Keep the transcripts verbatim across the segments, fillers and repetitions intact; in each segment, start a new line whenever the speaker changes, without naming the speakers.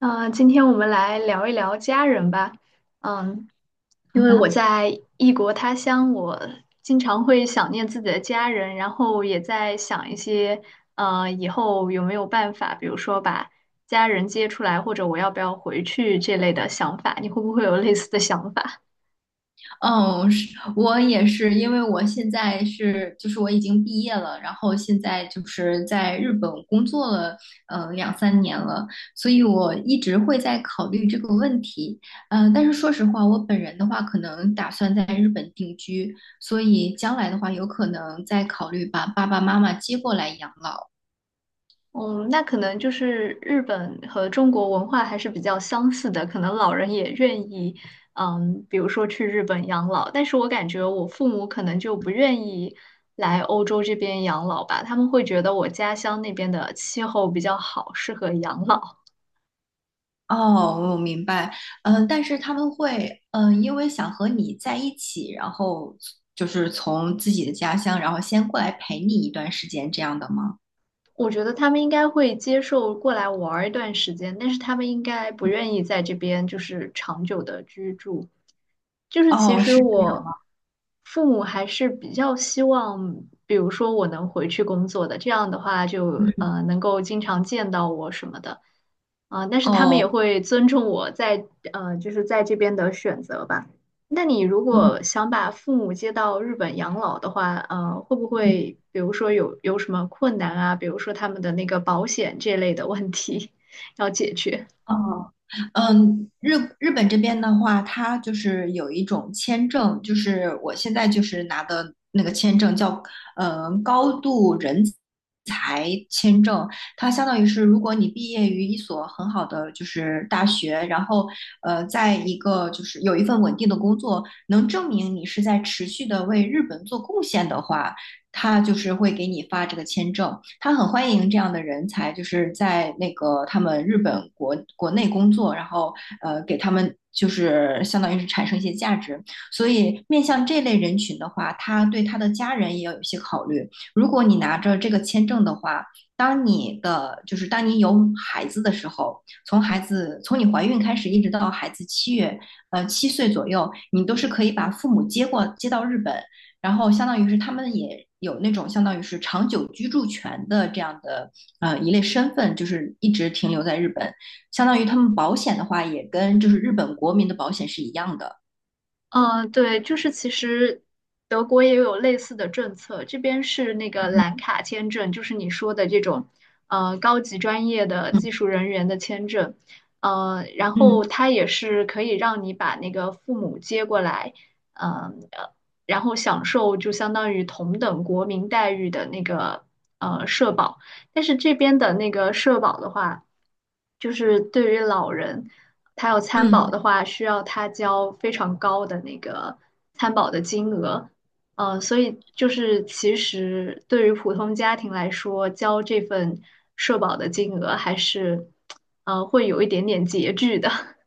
呃，今天我们来聊一聊家人吧。嗯，
好
因为我
的。
在异国他乡，我经常会想念自己的家人，然后也在想一些，呃，以后有没有办法，比如说把家人接出来，或者我要不要回去这类的想法。你会不会有类似的想法？
嗯，是我也是，因为我现在是，就是我已经毕业了，然后现在就是在日本工作了，呃，两三年了。所以我一直会在考虑这个问题。呃，但是说实话，我本人的话，可能打算在日本定居，所以将来的话，有可能再考虑把爸爸妈妈接过来养老。
嗯，那可能就是日本和中国文化还是比较相似的，可能老人也愿意，嗯，比如说去日本养老，但是我感觉我父母可能就不愿意来欧洲这边养老吧，他们会觉得我家乡那边的气候比较好，适合养老。
哦，我明白。嗯，但是他们会，嗯，因为想和你在一起，然后就是从自己的家乡，然后先过来陪你一段时间，这样的吗？
我觉得他们应该会接受过来玩儿一段时间，但是他们应该不愿意在这边就是长久的居住。就是其
哦，
实
是。
我父母还是比较希望，比如说我能回去工作的，这样的话就呃能够经常见到我什么的，啊，但是他们也
哦。
会尊重我在呃就是在这边的选择吧。那你如
嗯
果想把父母接到日本养老的话，呃，会不
嗯。
会比如说有有什么困难啊？比如说他们的那个保险这类的问题 要解决？
哦。嗯，日日本这边的话，它就是有一种签证，就是我现在就是拿的那个签证叫，呃，高度人才签证。它相当于是，如果你毕业于一所很好的就是大学，然后呃，在一个就是有一份稳定的工作，能证明你是在持续的为日本做贡献的话，他就是会给你发这个签证。他很欢迎这样的人才，就是在那个他们日本国国内工作，然后呃给他们就是相当于是产生一些价值。所以面向这类人群的话，他对他的家人也要有一些考虑。如果你拿着这个签证的话，当你的就是当你有孩子的时候，从孩子从你怀孕开始一直到孩子七月呃七岁左右，你都是可以把父母接过接到日本。然后相当于是他们也有那种相当于是长久居住权的这样的呃一类身份，就是一直停留在日本，相当于他们保险的话也跟就是日本国民的保险是一样的。
嗯，对，就是其实德国也有类似的政策，这边是那个蓝卡签证，就是你说的这种，呃，高级专业的
嗯
技术人员的签证，呃，然后
嗯
它也是可以让你把那个父母接过来，嗯，呃，然后享受就相当于同等国民待遇的那个呃社保，但是这边的那个社保的话，就是对于老人。他要参
嗯。
保的话，需要他交非常高的那个参保的金额。呃，所以就是其实对于普通家庭来说，交这份社保的金额还是，呃，会有一点点拮据的。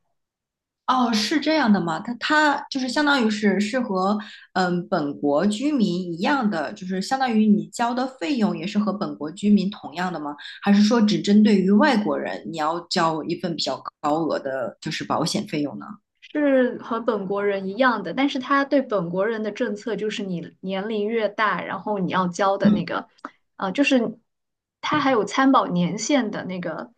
哦，是这样的吗？他他就是相当于是是和嗯本国居民一样的，就是相当于你交的费用也是和本国居民同样的吗？还是说只针对于外国人，你要交一份比较高额的就是保险费用呢？
是和本国人一样的，但是他对本国人的政策就是你年龄越大，然后你要交的那
嗯
个，呃，就是他还有参保年限的那个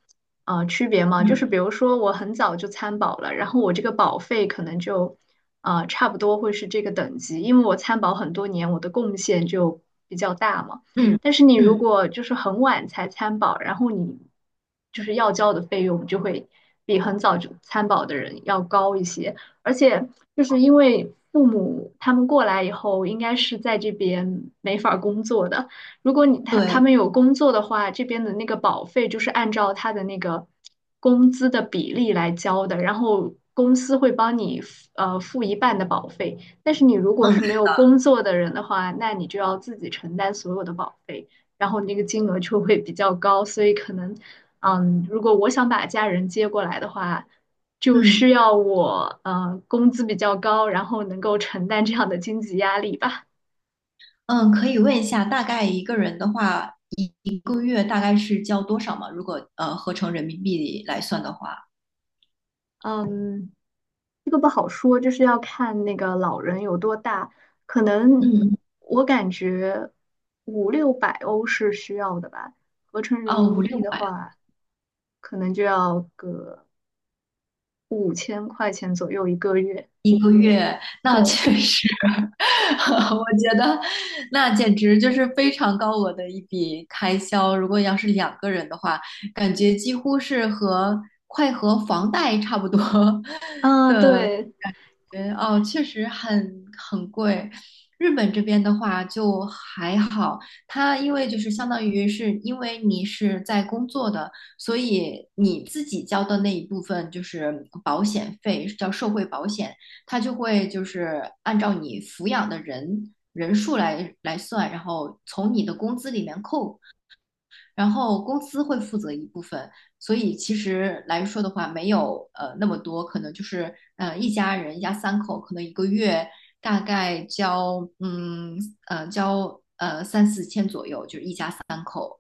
呃区别嘛，就是
嗯。
比如说我很早就参保了，然后我这个保费可能就呃差不多会是这个等级，因为我参保很多年，我的贡献就比较大嘛。
嗯
但是你如
嗯，
果就是很晚才参保，然后你就是要交的费用就会比很早就参保的人要高一些，而且就是因为父母他们过来以后，应该是在这边没法儿工作的。如果你他他
对。
们有工作的话，这边的那个保费就是按照他的那个工资的比例来交的，然后公司会帮你付呃付一半的保费。但是你如果是没
嗯
有工作的人的话，那你就要自己承担所有的保费，然后那个金额就会比较高，所以可能，嗯，如果我想把家人接过来的话，就
嗯
需要我呃工资比较高，然后能够承担这样的经济压力吧。
嗯。可以问一下，大概一个人的话，一一个月大概是交多少吗？如果呃合成人民币来算的话？
嗯，这个不好说，就是要看那个老人有多大，可能
嗯。
我感觉五六百欧是需要的吧，合成人
哦，五
民
六
币的
百
话，可能就要个。五千块钱左右一个月。
一个月。那
对，
确实，我觉得那简直就是非常高额的一笔开销。如果要是两个人的话，感觉几乎是和快和房贷差不多
嗯，
的。
对，
觉得哦，确实很很贵。日本这边的话就还好，它因为就是相当于是因为你是在工作的，所以你自己交的那一部分就是保险费，叫社会保险。它就会就是按照你抚养的人人数来来算，然后从你的工资里面扣。然后公司会负责一部分，所以其实来说的话，没有呃那么多。可能就是呃一家人一家三口，可能一个月大概交嗯呃交呃三四千左右，就是一家三口。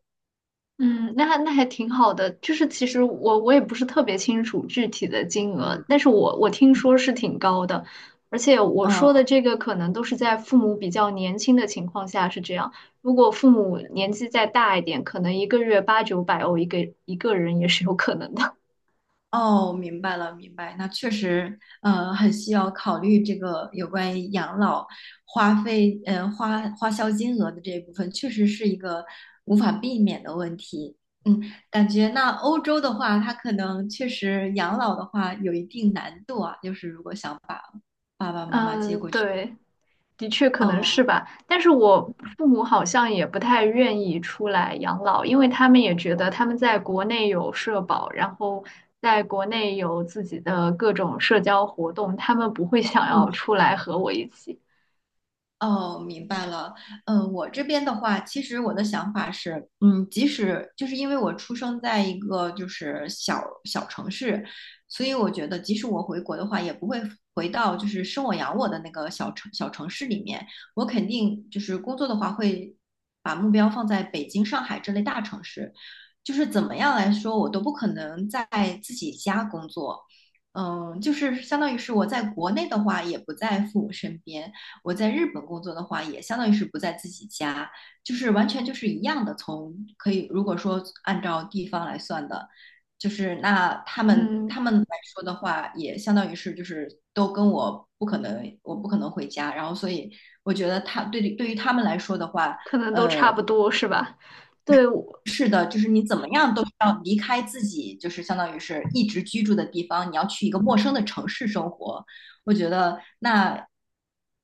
嗯，那还那还挺好的。就是其实我我也不是特别清楚具体的金额，
嗯。
但是我我听说是挺高的，而且我说的
嗯。
这个可能都是在父母比较年轻的情况下是这样。如果父母年纪再大一点，可能一个月八九百欧一个一个人也是有可能的。
哦，明白了，明白。那确实，呃，很需要考虑这个有关于养老花费，呃，花花销金额的这一部分，确实是一个无法避免的问题。嗯，感觉那欧洲的话，它可能确实养老的话有一定难度啊，就是如果想把爸爸 妈妈接
嗯，
过去。
对，的确可能
哦。
是吧，但是我父母好像也不太愿意出来养老，因为他们也觉得他们在国内有社保，然后在国内有自己的各种社交活动，他们不会想
嗯。
要出来和我一起。
哦，明白了。嗯，我这边的话，其实我的想法是，嗯，即使就是因为我出生在一个就是小小城市，所以我觉得即使我回国的话，也不会回到就是生我养我的那个小城小城市里面。我肯定就是工作的话，会把目标放在北京、上海这类大城市。就是怎么样来说，我都不可能在自己家工作。嗯，就是相当于是我在国内的话，也不在父母身边。我在日本工作的话，也相当于是不在自己家，就是完全就是一样的。从可以如果说按照地方来算的，就是那他们他
嗯，
们来说的话，也相当于是就是都跟我不可能，我不可能回家。然后所以我觉得他对对于他们来说的话。
可能都
呃，
差不多是吧？对，我。
是的，就是你怎么样都是要离开自己，就是相当于是一直居住的地方，你要去一个陌生的城市生活。我觉得那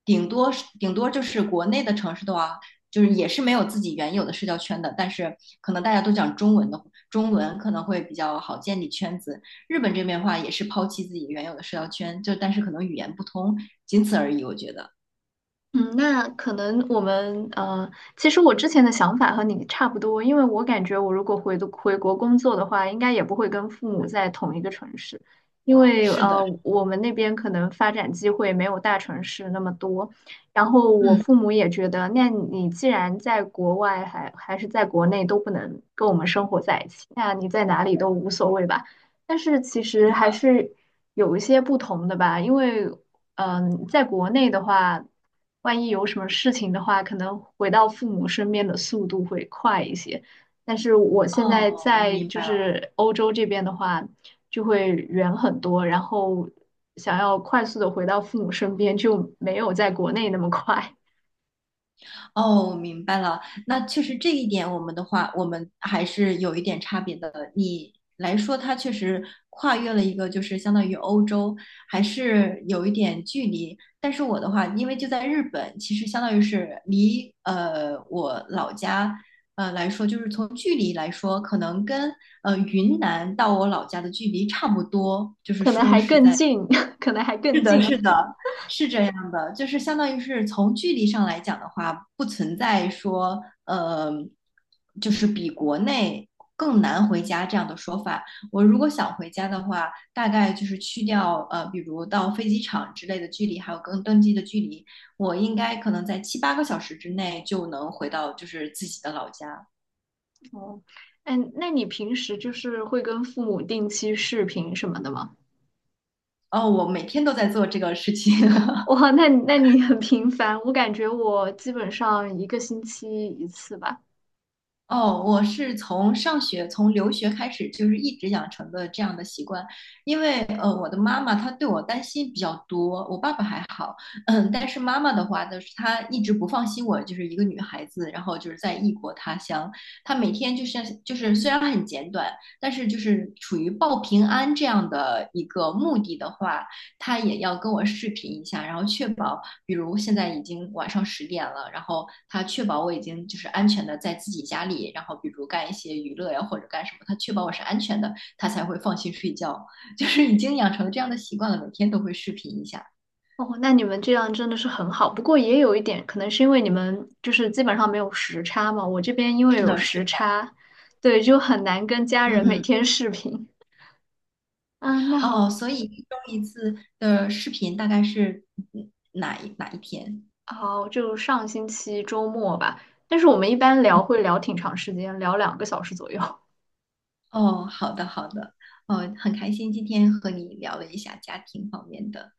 顶多是顶多就是国内的城市的话，就是也是没有自己原有的社交圈的，但是可能大家都讲中文的，中文可能会比较好建立圈子。日本这边的话，也是抛弃自己原有的社交圈，就但是可能语言不通，仅此而已。我觉得
嗯，那可能我们呃，其实我之前的想法和你差不多，因为我感觉我如果回的回国工作的话，应该也不会跟父母在同一个城市，因为
是的。
呃，我们那边可能发展机会没有大城市那么多。然后我
嗯。
父母也觉得，那你既然在国外还还是在国内都不能跟我们生活在一起，那你在哪里都无所谓吧。但是其实还是有一些不同的吧，因为。嗯，在国内的话，万一有什么事情的话，可能回到父母身边的速度会快一些。但是我现在
哦，
在
明
就
白。了。
是欧洲这边的话，就会远很多，然后想要快速的回到父母身边，就没有在国内那么快，
哦，明白了。那确实这一点，我们的话，我们还是有一点差别的。你来说，它确实跨越了一个，就是相当于欧洲，还是有一点距离。但是我的话，因为就在日本，其实相当于是离呃我老家呃来说，就是从距离来说，可能跟呃云南到我老家的距离差不多。就是
可能
说
还
实
更
在。
近，可能还
是
更
的，是
近。
的，是这样的，就是相当于是从距离上来讲的话，不存在说呃，就是比国内更难回家这样的说法。我如果想回家的话，大概就是去掉呃，比如到飞机场之类的距离，还有跟登机的距离，我应该可能在七八个小时之内就能回到就是自己的老家。
哦，哎，那你平时就是会跟父母定期视频什么的吗？
哦，我每天都在做这个事情。
哇，那你那你很频繁，我感觉我基本上一个星期一次吧。
哦，我是从上学、从留学开始，就是一直养成的这样的习惯。因为呃，我的妈妈她对我担心比较多，我爸爸还好。嗯，但是妈妈的话就是她一直不放心我，就是一个女孩子，然后就是在异国他乡，她每天就是就是虽然很简短，但是就是处于报平安这样的一个目的的话，她也要跟我视频一下，然后确保。比如现在已经晚上十点了，然后他确保我已经就是安全的在自己家里，然后比如干一些娱乐呀或者干什么，他确保我是安全的，他才会放心睡觉。就是已经养成这样的习惯了，每天都会视频一下。
哦，那你们这样真的是很好，不过也有一点，可能是因为你们就是基本上没有时差嘛。我这边因为
是
有
的，是
时
的。
差，对，就很难跟家
嗯
人每
嗯。
天视频。嗯，那
哦，
好，
所以一周一次的视频大概是嗯哪一哪一天？
好，就上星期周末吧。但是我们一般聊会聊挺长时间，聊两个小时左右。
哦，好的好的。哦，很开心今天和你聊了一下家庭方面的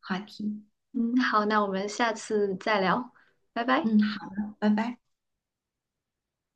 话题。
嗯，好，那我们下次再聊，拜拜。
嗯，好的，拜拜。